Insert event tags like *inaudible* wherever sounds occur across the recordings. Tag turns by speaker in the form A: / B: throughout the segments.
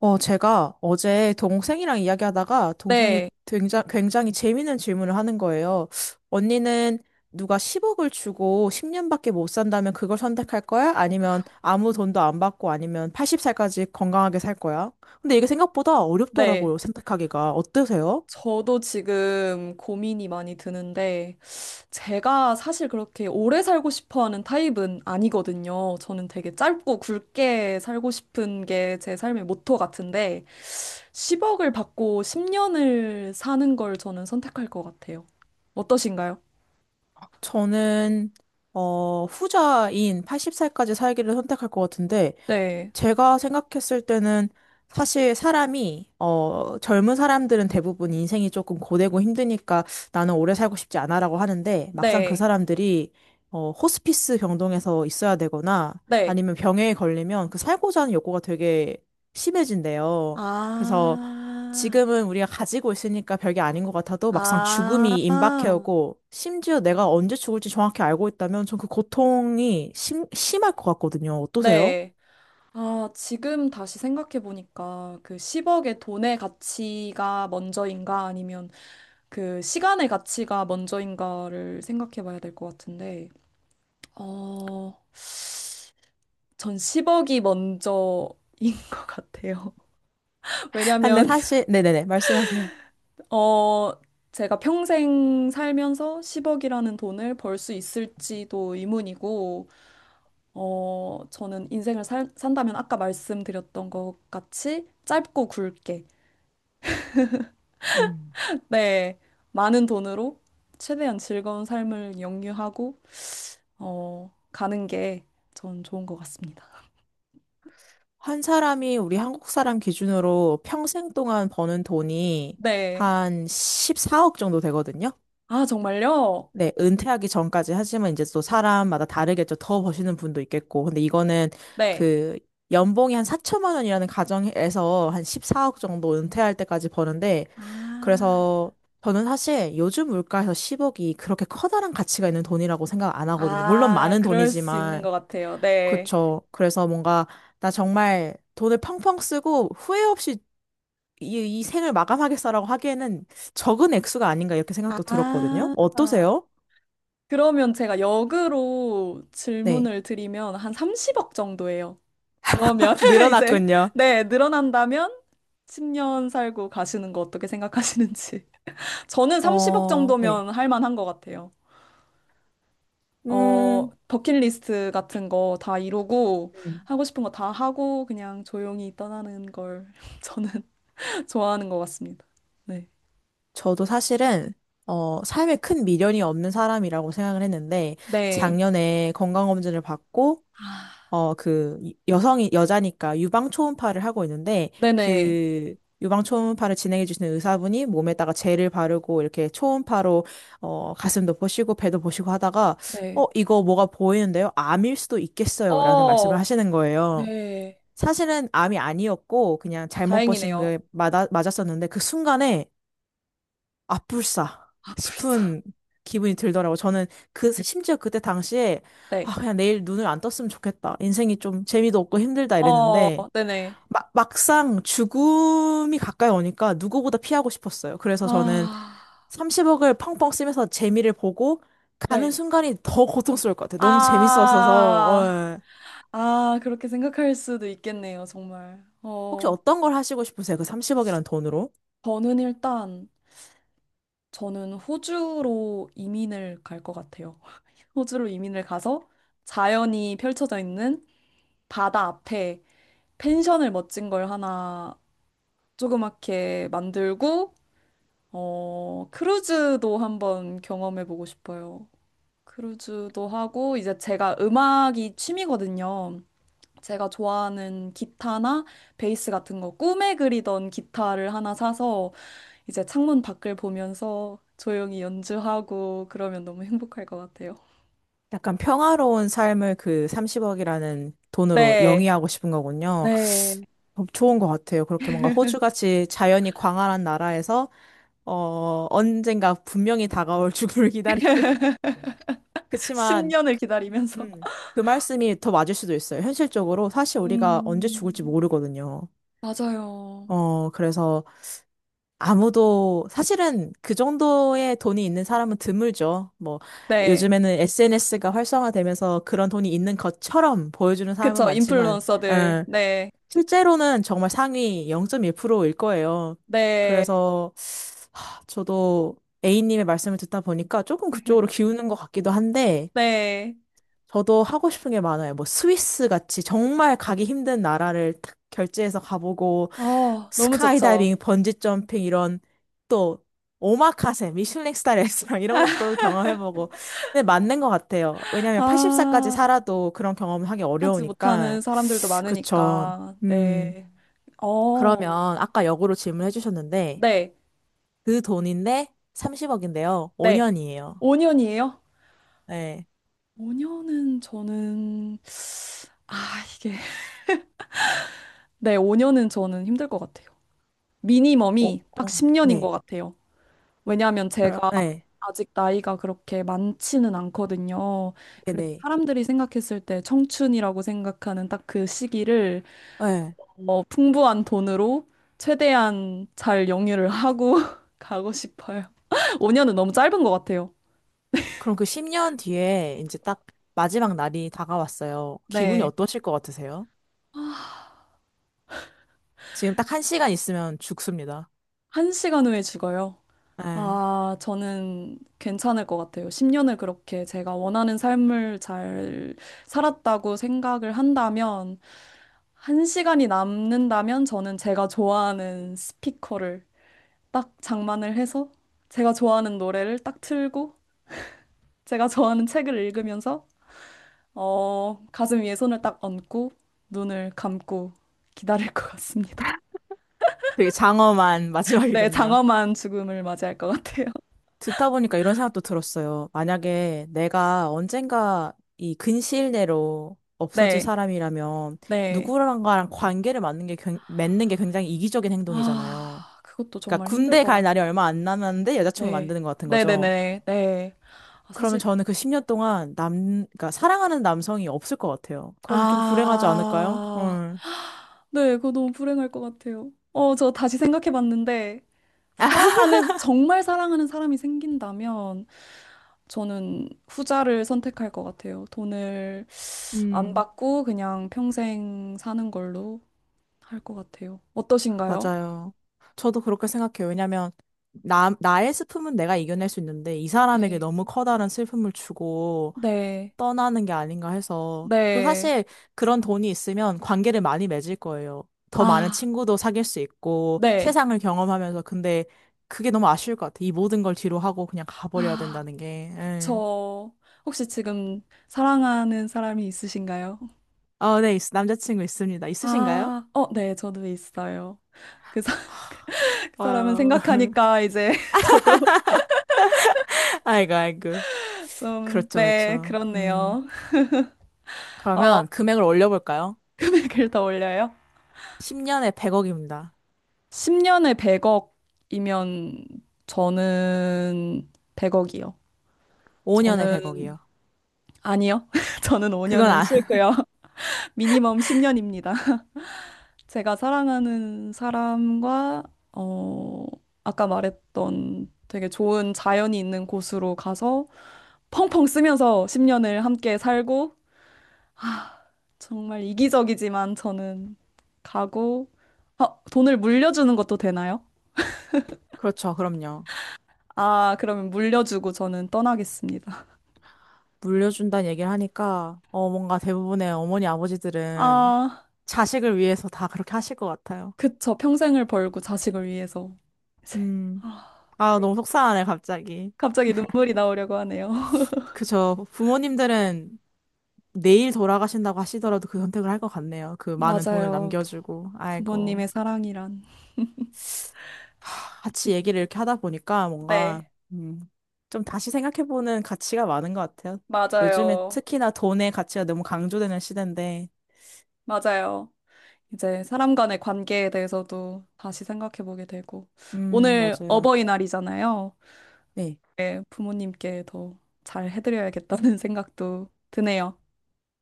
A: 제가 어제 동생이랑 이야기하다가 동생이
B: 네,
A: 굉장히, 굉장히 재밌는 질문을 하는 거예요. 언니는 누가 10억을 주고 10년밖에 못 산다면 그걸 선택할 거야? 아니면 아무 돈도 안 받고 아니면 80살까지 건강하게 살 거야? 근데 이게 생각보다
B: 네.
A: 어렵더라고요, 선택하기가. 어떠세요?
B: 저도 지금 고민이 많이 드는데, 제가 사실 그렇게 오래 살고 싶어 하는 타입은 아니거든요. 저는 되게 짧고 굵게 살고 싶은 게 제 삶의 모토 같은데, 10억을 받고 10년을 사는 걸 저는 선택할 것 같아요. 어떠신가요?
A: 저는, 후자인 80살까지 살기를 선택할 것 같은데,
B: 네,
A: 제가 생각했을 때는 사실 사람이, 젊은 사람들은 대부분 인생이 조금 고되고 힘드니까 나는 오래 살고 싶지 않아라고 하는데 막상 그
B: 네,
A: 사람들이, 호스피스 병동에서 있어야 되거나
B: 네.
A: 아니면 병에 걸리면 그 살고자 하는 욕구가 되게 심해진대요. 그래서
B: 아,
A: 지금은 우리가 가지고 있으니까 별게 아닌 것 같아도 막상
B: 아,
A: 죽음이 임박해오고 심지어 내가 언제 죽을지 정확히 알고 있다면 전 그 고통이 심할 것 같거든요. 어떠세요?
B: 네. 아, 지금 다시 생각해보니까 그 10억의 돈의 가치가 먼저인가 아니면 그 시간의 가치가 먼저인가를 생각해봐야 될 것 같은데, 어, 전 10억이 먼저인 *laughs* 것 같아요. *laughs*
A: 아, 근데
B: 왜냐면,
A: 사실, 네네네, 말씀하세요.
B: 어, 제가 평생 살면서 10억이라는 돈을 벌 수 있을지도 의문이고, 저는 인생을 산다면 아까 말씀드렸던 것 같이 짧고 굵게
A: 음.
B: 네, 많은 돈으로 최대한 즐거운 삶을 영유하고, 가는 게 전 좋은 것 같습니다.
A: 한 사람이 우리 한국 사람 기준으로 평생 동안 버는 돈이
B: 네.
A: 한 14억 정도 되거든요.
B: 아, 정말요?
A: 네, 은퇴하기 전까지 하지만 이제 또 사람마다 다르겠죠. 더 버시는 분도 있겠고. 근데 이거는
B: 네.
A: 그 연봉이 한 4천만 원이라는 가정에서 한 14억 정도 은퇴할 때까지 버는데
B: 아,
A: 그래서 저는 사실 요즘 물가에서 10억이 그렇게 커다란 가치가 있는 돈이라고 생각 안 하거든요. 물론
B: 아,
A: 많은
B: 그럴 수 있는
A: 돈이지만
B: 것 같아요. 네.
A: 그쵸. 그래서 뭔가 나 정말 돈을 펑펑 쓰고 후회 없이 이 생을 마감하겠어라고 하기에는 적은 액수가 아닌가 이렇게 생각도 들었거든요.
B: 아,
A: 어떠세요?
B: 그러면 제가 역으로
A: 네.
B: 질문을 드리면 한 30억 정도예요.
A: *laughs*
B: 그러면 *laughs* 이제,
A: 늘어났군요.
B: 네, 늘어난다면 10년 살고 가시는 거 어떻게 생각하시는지. 저는 30억
A: 네.
B: 정도면 할 만한 것 같아요.
A: 음,
B: 버킷리스트 같은 거 다 이루고,
A: 음.
B: 하고 싶은 거 다 하고, 그냥 조용히 떠나는 걸 *laughs* 저는 *laughs* 좋아하는 것 같습니다. 네.
A: 저도 사실은 삶에 큰 미련이 없는 사람이라고 생각을 했는데
B: 네.
A: 작년에 건강검진을 받고 여자니까 유방 초음파를 하고 있는데,
B: 네네.
A: 그, 유방 초음파를 진행해 주시는 의사분이 몸에다가 젤을 바르고, 이렇게 초음파로, 가슴도 보시고, 배도 보시고 하다가, 어,
B: 네.
A: 이거 뭐가 보이는데요? 암일 수도 있겠어요. 라는 말씀을
B: 어,
A: 하시는 거예요.
B: 네.
A: 사실은 암이 아니었고, 그냥 잘못 보신
B: 다행이네요.
A: 게 맞았었는데, 그 순간에, 아뿔싸
B: 아, 불사.
A: 싶은 기분이 들더라고. 저는 심지어 그때 당시에,
B: 네.
A: 아, 그냥 내일 눈을 안 떴으면 좋겠다. 인생이 좀 재미도 없고 힘들다
B: 어,
A: 이랬는데,
B: 네네.
A: 막상 죽음이 가까이 오니까 누구보다 피하고 싶었어요. 그래서 저는
B: 아,
A: 30억을 펑펑 쓰면서 재미를 보고 가는
B: 네.
A: 순간이 더 고통스러울 것 같아요. 너무 재밌었어서,
B: 아,
A: 예.
B: 아, 그렇게 생각할 수도 있겠네요, 정말.
A: 혹시
B: 어,
A: 어떤 걸 하시고 싶으세요? 그 30억이란 돈으로?
B: 저는 일단, 저는 호주로 이민을 갈 것 같아요. 호주로 이민을 가서 자연이 펼쳐져 있는 바다 앞에 펜션을 멋진 걸 하나 조그맣게 만들고, 크루즈도 한번 경험해 보고 싶어요. 크루즈도 하고, 이제 제가 음악이 취미거든요. 제가 좋아하는 기타나 베이스 같은 거, 꿈에 그리던 기타를 하나 사서 이제 창문 밖을 보면서 조용히 연주하고 그러면 너무 행복할 것 같아요.
A: 약간 평화로운 삶을 그 30억이라는 돈으로
B: 네.
A: 영위하고 싶은 거군요.
B: 네.
A: 어, 좋은 것 같아요. 그렇게 뭔가 호주같이 자연이 광활한 나라에서 언젠가 분명히 다가올 죽음을 기다리는. *laughs* 그치만,
B: 10년을 기다리면서.
A: 음, 그 말씀이 더 맞을 수도 있어요. 현실적으로 사실 우리가 언제
B: 음,
A: 죽을지 모르거든요.
B: 맞아요.
A: 그래서 아무도 사실은 그 정도의 돈이 있는 사람은 드물죠. 뭐
B: 네.
A: 요즘에는 SNS가 활성화되면서 그런 돈이 있는 것처럼 보여주는 사람은
B: 그쵸.
A: 많지만
B: 인플루언서들.
A: 어,
B: 네.
A: 실제로는 정말 상위 0.1%일 거예요.
B: 네.
A: 그래서 하, 저도 A님의 말씀을 듣다 보니까 조금 그쪽으로
B: *laughs*
A: 기우는 것 같기도 한데
B: 네.
A: 저도 하고 싶은 게 많아요. 뭐 스위스 같이 정말 가기 힘든 나라를 탁 결제해서 가보고
B: 아, 너무 좋죠.
A: 스카이다이빙, 번지 점핑 이런 또 오마카세, 미슐랭 스타 레스토랑 이런 것도 경험해보고 근데 맞는 것 같아요. 왜냐하면 8살까지
B: 아,
A: 살아도 그런 경험을 하기
B: 하지 못하는
A: 어려우니까
B: 사람들도
A: 그쵸.
B: 많으니까.
A: 음
B: 네. 어,
A: 그러면 아까 역으로 질문해 주셨는데
B: 네.
A: 그 돈인데 30억인데요.
B: 네.
A: 5년이에요.
B: 5년이에요?
A: 네.
B: 5년은 저는, 아, 이게. 네, 5년은 저는 힘들 것 같아요.
A: 어,
B: 미니멈이 딱
A: 어,
B: 10년인 것
A: 네.
B: 같아요. 왜냐하면
A: 그럼
B: 제가
A: 네.
B: 아직 나이가 그렇게 많지는 않거든요. 그래서
A: 네네.
B: 사람들이 생각했을 때 청춘이라고 생각하는 딱 그 시기를
A: 네. 네.
B: 풍부한 돈으로 최대한 잘 영유를 하고 *laughs* 가고 싶어요. *laughs* 5년은 너무 짧은 것 같아요.
A: 그럼 그 10년 뒤에 이제 딱 마지막 날이 다가왔어요. 기분이
B: 네,
A: 어떠실 것 같으세요? 지금 딱 한 시간 있으면 죽습니다.
B: 한시간 후에 죽어요.
A: 네.
B: 아, 저는 괜찮을 것 같아요. 10년을 그렇게 제가 원하는 삶을 잘 살았다고 생각을 한다면, 한 시간이 남는다면 저는 제가 좋아하는 스피커를 딱 장만을 해서, 제가 좋아하는 노래를 딱 틀고, 제가 좋아하는 책을 읽으면서, 가슴 위에 손을 딱 얹고, 눈을 감고 기다릴 것 같습니다.
A: 되게 장엄한 *laughs*
B: *laughs* 네,
A: 마지막이군요.
B: 장엄한 죽음을 맞이할 것 같아요.
A: 듣다 보니까 이런 생각도 들었어요. 만약에 내가 언젠가 이 근시일 내로 없어질
B: 네,
A: 사람이라면
B: 네.
A: 누구랑가랑 관계를 맺는 게, 맺는 게 굉장히 이기적인 행동이잖아요.
B: 아, 그것도
A: 그러니까
B: 정말 힘들
A: 군대
B: 것
A: 갈 날이
B: 같네요.
A: 얼마 안 남았는데 여자친구를
B: 네.
A: 만드는 것 같은 거죠.
B: 네네네. 네. 아,
A: 그러면
B: 사실,
A: 저는 그 10년 동안 그러니까 사랑하는 남성이 없을 것 같아요. 그러면 좀 불행하지 않을까요?
B: 아,
A: 응.
B: 네. 그거 너무 불행할 것 같아요. 어, 저 다시 생각해 봤는데, 사랑하는, 정말 사랑하는 사람이 생긴다면, 저는 후자를 선택할 것 같아요. 돈을 안
A: 음,
B: 받고 그냥 평생 사는 걸로 할 것 같아요. 어떠신가요?
A: 맞아요. 저도 그렇게 생각해요. 왜냐면, 나의 슬픔은 내가 이겨낼 수 있는데, 이 사람에게
B: 네.
A: 너무 커다란 슬픔을 주고
B: 네.
A: 떠나는 게 아닌가 해서. 그리고
B: 네.
A: 사실 그런 돈이 있으면 관계를 많이 맺을 거예요. 더 많은
B: 아,
A: 친구도 사귈 수 있고,
B: 네.
A: 세상을 경험하면서. 근데 그게 너무 아쉬울 것 같아요. 이 모든 걸 뒤로 하고 그냥 가버려야
B: 아.
A: 된다는 게. 응.
B: 그쵸. 혹시 지금 사랑하는 사람이 있으신가요?
A: 남자친구 있습니다. 있으신가요?
B: 아, 어, 네, 저도 있어요. 그 사- 그 사람은
A: 어, *laughs*
B: 생각하니까 이제 *laughs* 저도
A: 아이고, 아이고.
B: 좀,
A: 그렇죠,
B: 네,
A: 그렇죠.
B: 그렇네요. 어,
A: 그러면 금액을 올려볼까요?
B: 금액을 더 올려요?
A: 10년에 100억입니다.
B: 10년에 100억이면 저는 100억이요.
A: 5년에
B: 저는,
A: 100억이요.
B: 아니요. *laughs* 저는
A: 그건
B: 5년은
A: 안, *laughs*
B: 싫고요. *laughs* 미니멈 10년입니다. 제가 사랑하는 사람과, 어, 아까 말했던 되게 좋은 자연이 있는 곳으로 가서 펑펑 쓰면서 10년을 함께 살고, 아, 정말 이기적이지만 저는 가고, 아, 돈을 물려주는 것도 되나요?
A: 그렇죠, 그럼요.
B: 아, 그러면 물려주고 저는 떠나겠습니다.
A: 물려준다는 얘기를 하니까, 뭔가 대부분의 어머니, 아버지들은
B: 아,
A: 자식을 위해서 다 그렇게 하실 것 같아요.
B: 그쵸. 평생을 벌고 자식을 위해서. 이제,
A: 음,
B: 아,
A: 아,
B: 그-
A: 너무 속상하네, 갑자기.
B: 갑자기 눈물이 나오려고 하네요. *laughs*
A: 그죠. 부모님들은 내일 돌아가신다고 하시더라도 그 선택을 할 것 같네요. 그 많은 돈을
B: 맞아요.
A: 남겨주고, 아이고.
B: 부모님의 사랑이란.
A: 같이 얘기를 이렇게 하다 보니까 뭔가,
B: 네,
A: 음, 좀 다시 생각해보는 가치가 많은 것 같아요. 요즘에
B: 맞아요.
A: 특히나 돈의 가치가 너무 강조되는 시대인데,
B: 맞아요. 이제 사람 간의 관계에 대해서도 다시 생각해 보게 되고. 오늘
A: 맞아요.
B: 어버이날이잖아요.
A: 네.
B: 네, 부모님께 더 잘 해드려야겠다는 *laughs* 생각도 드네요.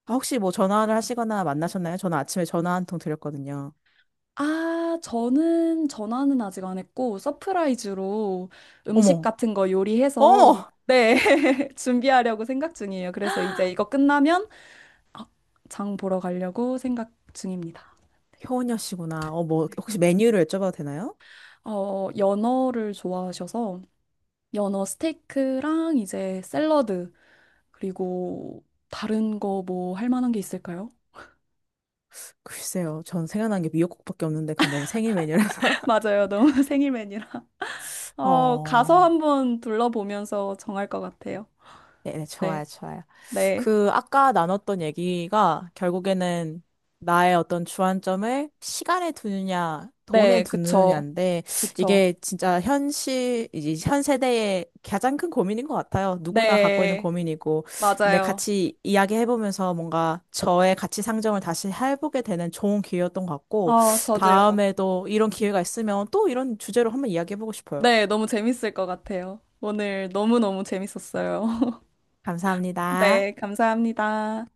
A: 아, 혹시 뭐 전화를 하시거나 만나셨나요? 저는 아침에 전화 한 통 드렸거든요.
B: 아, 저는 전화는 아직 안 했고, 서프라이즈로 음식
A: 어머,
B: 같은 거 요리해서,
A: 어머!
B: 네, *laughs* 준비하려고 생각 중이에요. 그래서 이제 이거 끝나면 아, 장 보러 가려고 생각 중입니다.
A: 효은여 씨구나. 혹시 메뉴를 여쭤봐도 되나요?
B: 연어를 좋아하셔서 연어 스테이크랑 이제 샐러드 그리고 다른 거 뭐 할 만한 게 있을까요?
A: 글쎄요. 전 생각난 게 미역국밖에 없는데, 그건 너무 생일 메뉴라서.
B: *laughs* 맞아요. 너무 *laughs* 생일 메뉴라.
A: *laughs*
B: 가서
A: 어.
B: 한번 둘러보면서 정할 것 같아요.
A: 네네, 좋아요,
B: 네.
A: 좋아요.
B: 네.
A: 그, 아까 나눴던 얘기가 결국에는 나의 어떤 주안점을 시간에 두느냐, 돈에
B: 네, 그쵸.
A: 두느냐인데,
B: 그쵸.
A: 이게 진짜 현실, 이제 현 세대의 가장 큰 고민인 것 같아요. 누구나 갖고 있는
B: 네.
A: 고민이고. 근데
B: 맞아요.
A: 같이 이야기해보면서 뭔가 저의 가치 상정을 다시 해보게 되는 좋은 기회였던 것 같고,
B: 저도요.
A: 다음에도 이런 기회가 있으면 또 이런 주제로 한번 이야기해보고 싶어요.
B: 네, 너무 재밌을 것 같아요. 오늘 너무너무 재밌었어요. *laughs* 네,
A: 감사합니다.
B: 감사합니다.